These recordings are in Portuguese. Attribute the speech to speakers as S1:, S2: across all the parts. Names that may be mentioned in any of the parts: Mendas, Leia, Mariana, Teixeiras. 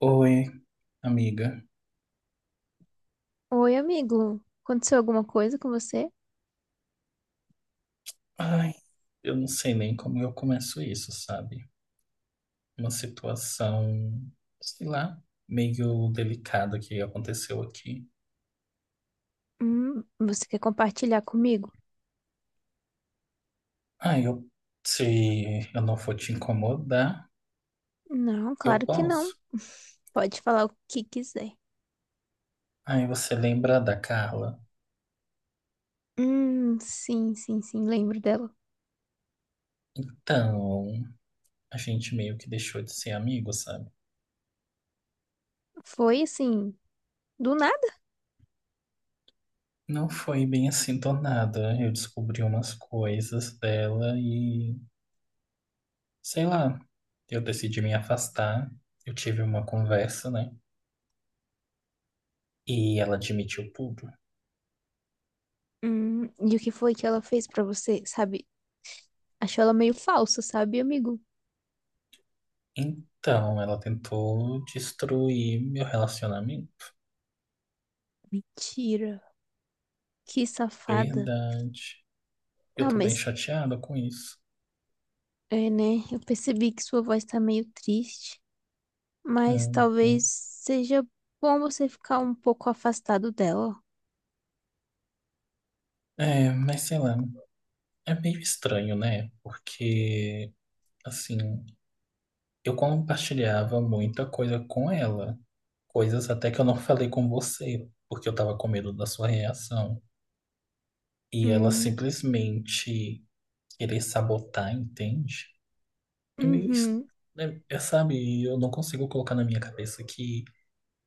S1: Oi, amiga.
S2: Oi, amigo. Aconteceu alguma coisa com você?
S1: Ai, eu não sei nem como eu começo isso, sabe? Uma situação, sei lá, meio delicada que aconteceu aqui.
S2: Você quer compartilhar comigo?
S1: Ai, eu, se eu não for te incomodar,
S2: Não,
S1: eu
S2: claro que não.
S1: posso.
S2: Pode falar o que quiser.
S1: Ai, você lembra da Carla?
S2: Sim, sim, sim, lembro dela.
S1: Então, a gente meio que deixou de ser amigo, sabe?
S2: Foi assim, do nada.
S1: Não foi bem assim do nada. Eu descobri umas coisas dela e sei lá, eu decidi me afastar. Eu tive uma conversa, né? E ela admitiu tudo.
S2: E o que foi que ela fez pra você, sabe? Achou ela meio falsa, sabe, amigo?
S1: Então, ela tentou destruir meu relacionamento.
S2: Mentira. Que safada.
S1: Verdade. Eu
S2: Ah,
S1: tô bem
S2: mas
S1: chateada com isso.
S2: é, né? Eu percebi que sua voz tá meio triste, mas
S1: Uhum.
S2: talvez seja bom você ficar um pouco afastado dela.
S1: É, mas sei lá, é meio estranho, né? Porque, assim, eu compartilhava muita coisa com ela. Coisas até que eu não falei com você, porque eu tava com medo da sua reação. E ela
S2: Hum,
S1: simplesmente querer sabotar, entende? É meio. es-
S2: uhum.
S1: Sabe, eu não consigo colocar na minha cabeça que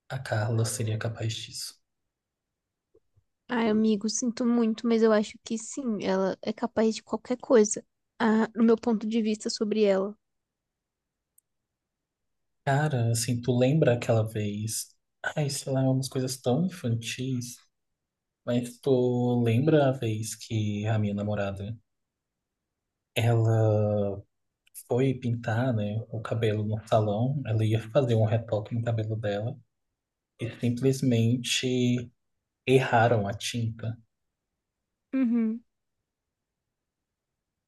S1: a Carla seria capaz disso.
S2: Ai, amigo, sinto muito, mas eu acho que sim, ela é capaz de qualquer coisa. Ah, no meu ponto de vista sobre ela.
S1: Cara, assim, tu lembra aquela vez. Ai, sei lá, umas coisas tão infantis. Mas tu lembra a vez que a minha namorada, ela foi pintar, né, o cabelo no salão, ela ia fazer um retoque no cabelo dela e simplesmente erraram a tinta.
S2: Uhum,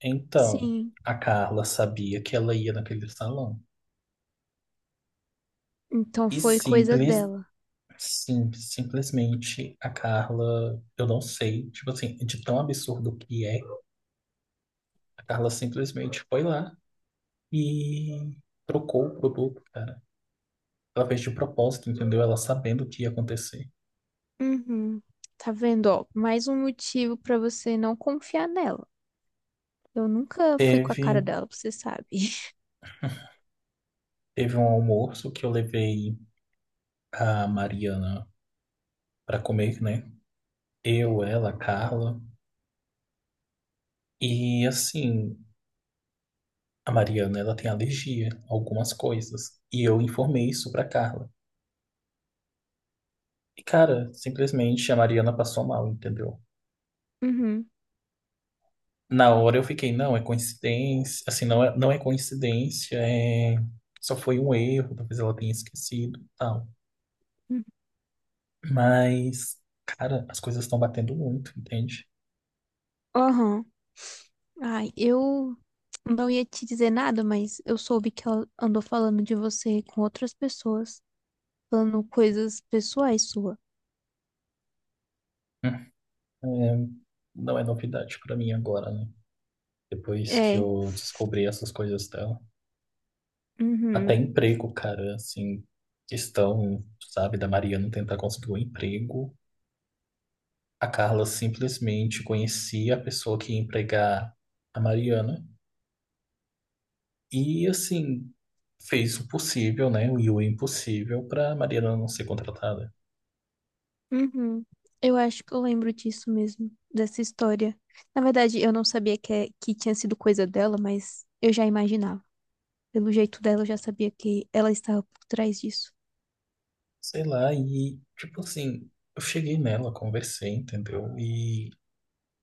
S1: Então,
S2: sim.
S1: a Carla sabia que ela ia naquele salão.
S2: Então
S1: E
S2: foi coisa
S1: simples,
S2: dela.
S1: sim, simplesmente a Carla, eu não sei, tipo assim, de tão absurdo que é, a Carla simplesmente foi lá e trocou o produto, cara. Ela fez de propósito, entendeu? Ela sabendo o que ia acontecer.
S2: Uhum. Tá vendo, ó, mais um motivo pra você não confiar nela. Eu nunca fui com a cara
S1: Teve,
S2: dela, você sabe.
S1: teve um almoço que eu levei a Mariana pra comer, né? Eu, ela, a Carla. E assim. A Mariana, ela tem alergia a algumas coisas. E eu informei isso pra Carla. E, cara, simplesmente a Mariana passou mal, entendeu?
S2: Uhum.
S1: Na hora eu fiquei, não, é coincidência. Assim, não é coincidência, é... Só foi um erro, talvez ela tenha esquecido, e tal.
S2: Uhum.
S1: Mas, cara, as coisas estão batendo muito, entende?
S2: Aham. Ai, eu não ia te dizer nada, mas eu soube que ela andou falando de você com outras pessoas, falando coisas pessoais suas.
S1: É, não é novidade pra mim agora, né? Depois que
S2: É.
S1: eu descobri essas coisas dela. Até
S2: Uhum.
S1: emprego, cara, assim, questão, sabe, da Mariana tentar conseguir um emprego. A Carla simplesmente conhecia a pessoa que ia empregar a Mariana e, assim, fez o possível, né, e o impossível pra Mariana não ser contratada.
S2: Uhum. Eu acho que eu lembro disso mesmo, dessa história. Na verdade, eu não sabia que, que tinha sido coisa dela, mas eu já imaginava. Pelo jeito dela, eu já sabia que ela estava por trás disso.
S1: Sei lá, e, tipo assim, eu cheguei nela, conversei, entendeu? E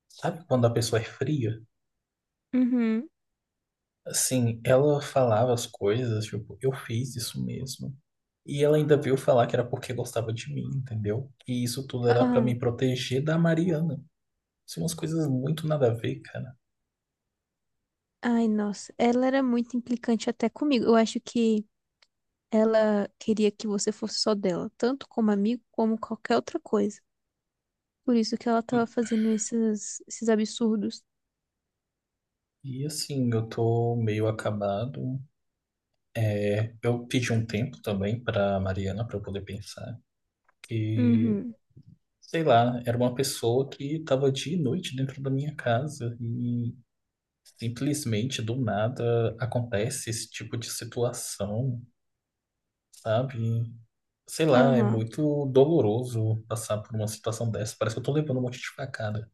S1: sabe quando a pessoa é fria?
S2: Uhum.
S1: Assim, ela falava as coisas, tipo, eu fiz isso mesmo. E ela ainda veio falar que era porque gostava de mim, entendeu? Que isso tudo era pra
S2: Ah,
S1: me proteger da Mariana. São umas coisas muito nada a ver, cara.
S2: ai, nossa. Ela era muito implicante até comigo. Eu acho que ela queria que você fosse só dela, tanto como amigo, como qualquer outra coisa. Por isso que ela estava fazendo esses absurdos.
S1: E assim, eu tô meio acabado. É, eu pedi um tempo também pra Mariana pra eu poder pensar que,
S2: Uhum.
S1: sei lá, era uma pessoa que tava dia e noite dentro da minha casa e simplesmente do nada acontece esse tipo de situação, sabe? Sei lá, é
S2: Aham.
S1: muito doloroso passar por uma situação dessa. Parece que eu tô levando um monte de facada.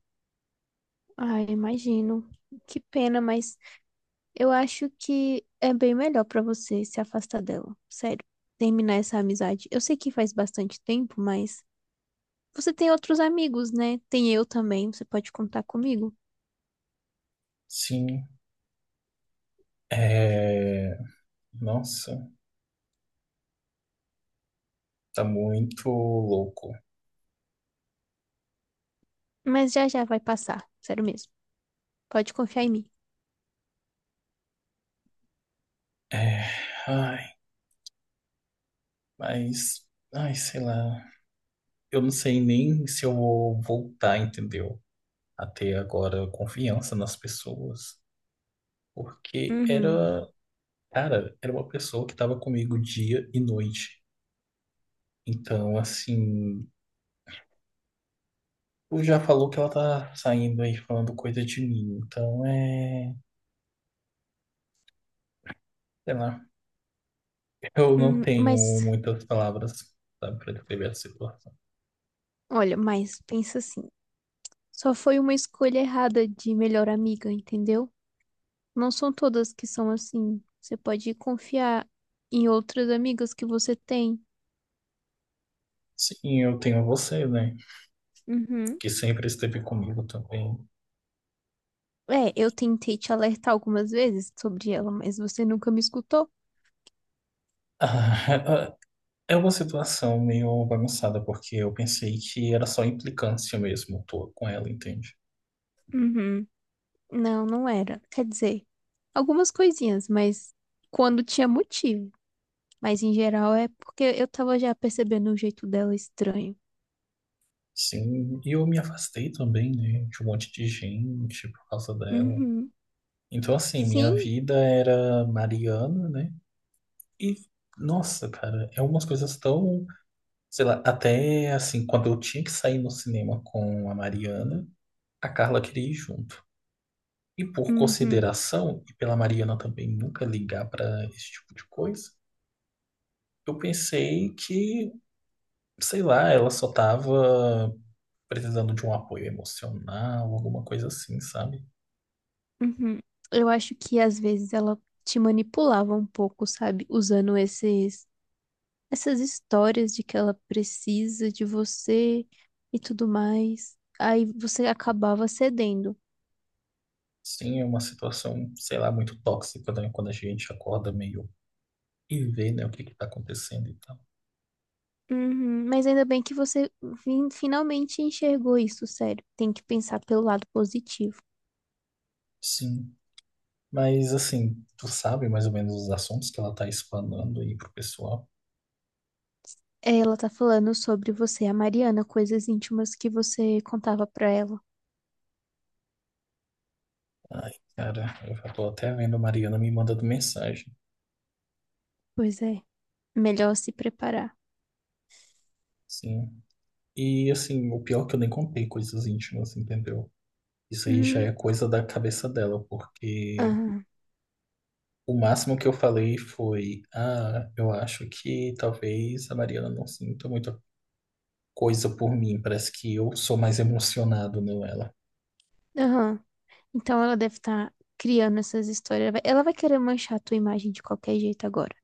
S2: Ai, imagino. Que pena, mas eu acho que é bem melhor pra você se afastar dela. Sério, terminar essa amizade. Eu sei que faz bastante tempo, mas você tem outros amigos, né? Tem eu também, você pode contar comigo.
S1: Sim, é... Nossa, tá muito louco.
S2: Mas já já vai passar, sério mesmo. Pode confiar em mim.
S1: É... Ai, mas... Ai, sei lá. Eu não sei nem se eu vou voltar, entendeu? A ter agora confiança nas pessoas. Porque
S2: Uhum.
S1: era... Cara, era uma pessoa que tava comigo dia e noite. Então, assim... Tu já falou que ela tá saindo aí falando coisa de mim, então é. Sei lá, eu não
S2: Uhum.
S1: tenho
S2: Mas,
S1: muitas palavras, sabe, pra descrever a situação.
S2: olha, mas pensa assim, só foi uma escolha errada de melhor amiga, entendeu? Não são todas que são assim. Você pode confiar em outras amigas que você tem.
S1: Sim, eu tenho você, né,
S2: Uhum.
S1: que sempre esteve comigo também.
S2: É, eu tentei te alertar algumas vezes sobre ela, mas você nunca me escutou.
S1: Ah, é uma situação meio bagunçada, porque eu pensei que era só implicância mesmo tô com ela, entende?
S2: Uhum. Não, não era. Quer dizer, algumas coisinhas, mas quando tinha motivo. Mas em geral é porque eu tava já percebendo o jeito dela estranho.
S1: Sim, e eu me afastei também, né, de um monte de gente por causa dela.
S2: Uhum.
S1: Então, assim, minha
S2: Sim,
S1: vida era Mariana, né? E, nossa, cara, é umas coisas tão, sei lá, até assim, quando eu tinha que sair no cinema com a Mariana, a Carla queria ir junto. E por
S2: uhum,
S1: consideração, e pela Mariana também nunca ligar pra esse tipo de coisa, eu pensei que, sei lá, ela só tava precisando de um apoio emocional, alguma coisa assim, sabe?
S2: uhum. Eu acho que às vezes ela te manipulava um pouco, sabe? Usando esses essas histórias de que ela precisa de você e tudo mais. Aí você acabava cedendo.
S1: Sim, é uma situação, sei lá, muito tóxica, né? Quando a gente acorda meio e vê, né, o que que tá acontecendo e tal.
S2: Uhum, mas ainda bem que você finalmente enxergou isso, sério. Tem que pensar pelo lado positivo.
S1: Sim. Mas assim, tu sabe mais ou menos os assuntos que ela tá explanando aí pro pessoal.
S2: É, ela tá falando sobre você, a Mariana, coisas íntimas que você contava pra ela.
S1: Ai, cara, eu já tô até vendo a Mariana me mandando mensagem.
S2: Pois é, melhor se preparar.
S1: Sim. E assim, o pior é que eu nem contei coisas íntimas, entendeu? Isso aí já
S2: Uhum,
S1: é coisa da cabeça dela, porque
S2: aham,
S1: o máximo que eu falei foi, ah, eu acho que talvez a Mariana não sinta muita coisa por mim. Parece que eu sou mais emocionado nela.
S2: aham. Então ela deve estar criando essas histórias. Ela vai querer manchar a tua imagem de qualquer jeito agora.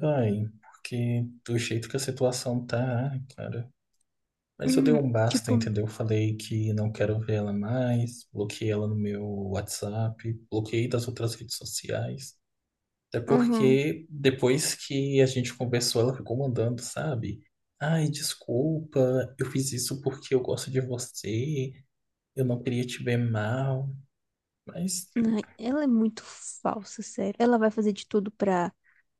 S1: Vai, porque do jeito que a situação tá, cara. Mas eu dei
S2: Uhum,
S1: um basta,
S2: tipo,
S1: entendeu? Falei que não quero ver ela mais, bloqueei ela no meu WhatsApp, bloqueei das outras redes sociais. Até
S2: uhum.
S1: porque depois que a gente conversou, ela ficou mandando, sabe? Ai, desculpa, eu fiz isso porque eu gosto de você, eu não queria te ver mal. Mas,
S2: Ai, ela é muito falsa, sério. Ela vai fazer de tudo pra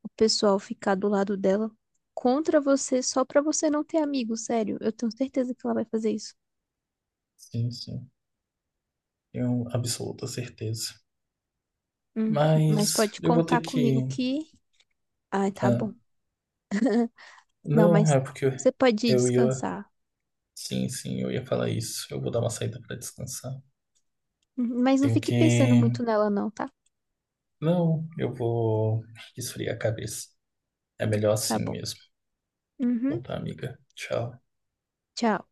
S2: o pessoal ficar do lado dela contra você, só pra você não ter amigo, sério. Eu tenho certeza que ela vai fazer isso.
S1: sim, sim, tenho absoluta certeza.
S2: Hum, mas
S1: Mas
S2: pode
S1: eu vou ter
S2: contar comigo
S1: que.
S2: que. Ai, tá
S1: Ah,
S2: bom. Não,
S1: não,
S2: mas
S1: é porque
S2: você pode ir
S1: eu ia
S2: descansar.
S1: sim, sim, eu ia falar isso. Eu vou dar uma saída para descansar.
S2: Uhum, mas não
S1: Tenho
S2: fique pensando
S1: que.
S2: muito nela, não, tá?
S1: Não, eu vou esfriar a cabeça. É melhor
S2: Tá
S1: assim
S2: bom.
S1: mesmo. Bom,
S2: Uhum.
S1: tá, amiga. Tchau.
S2: Tchau.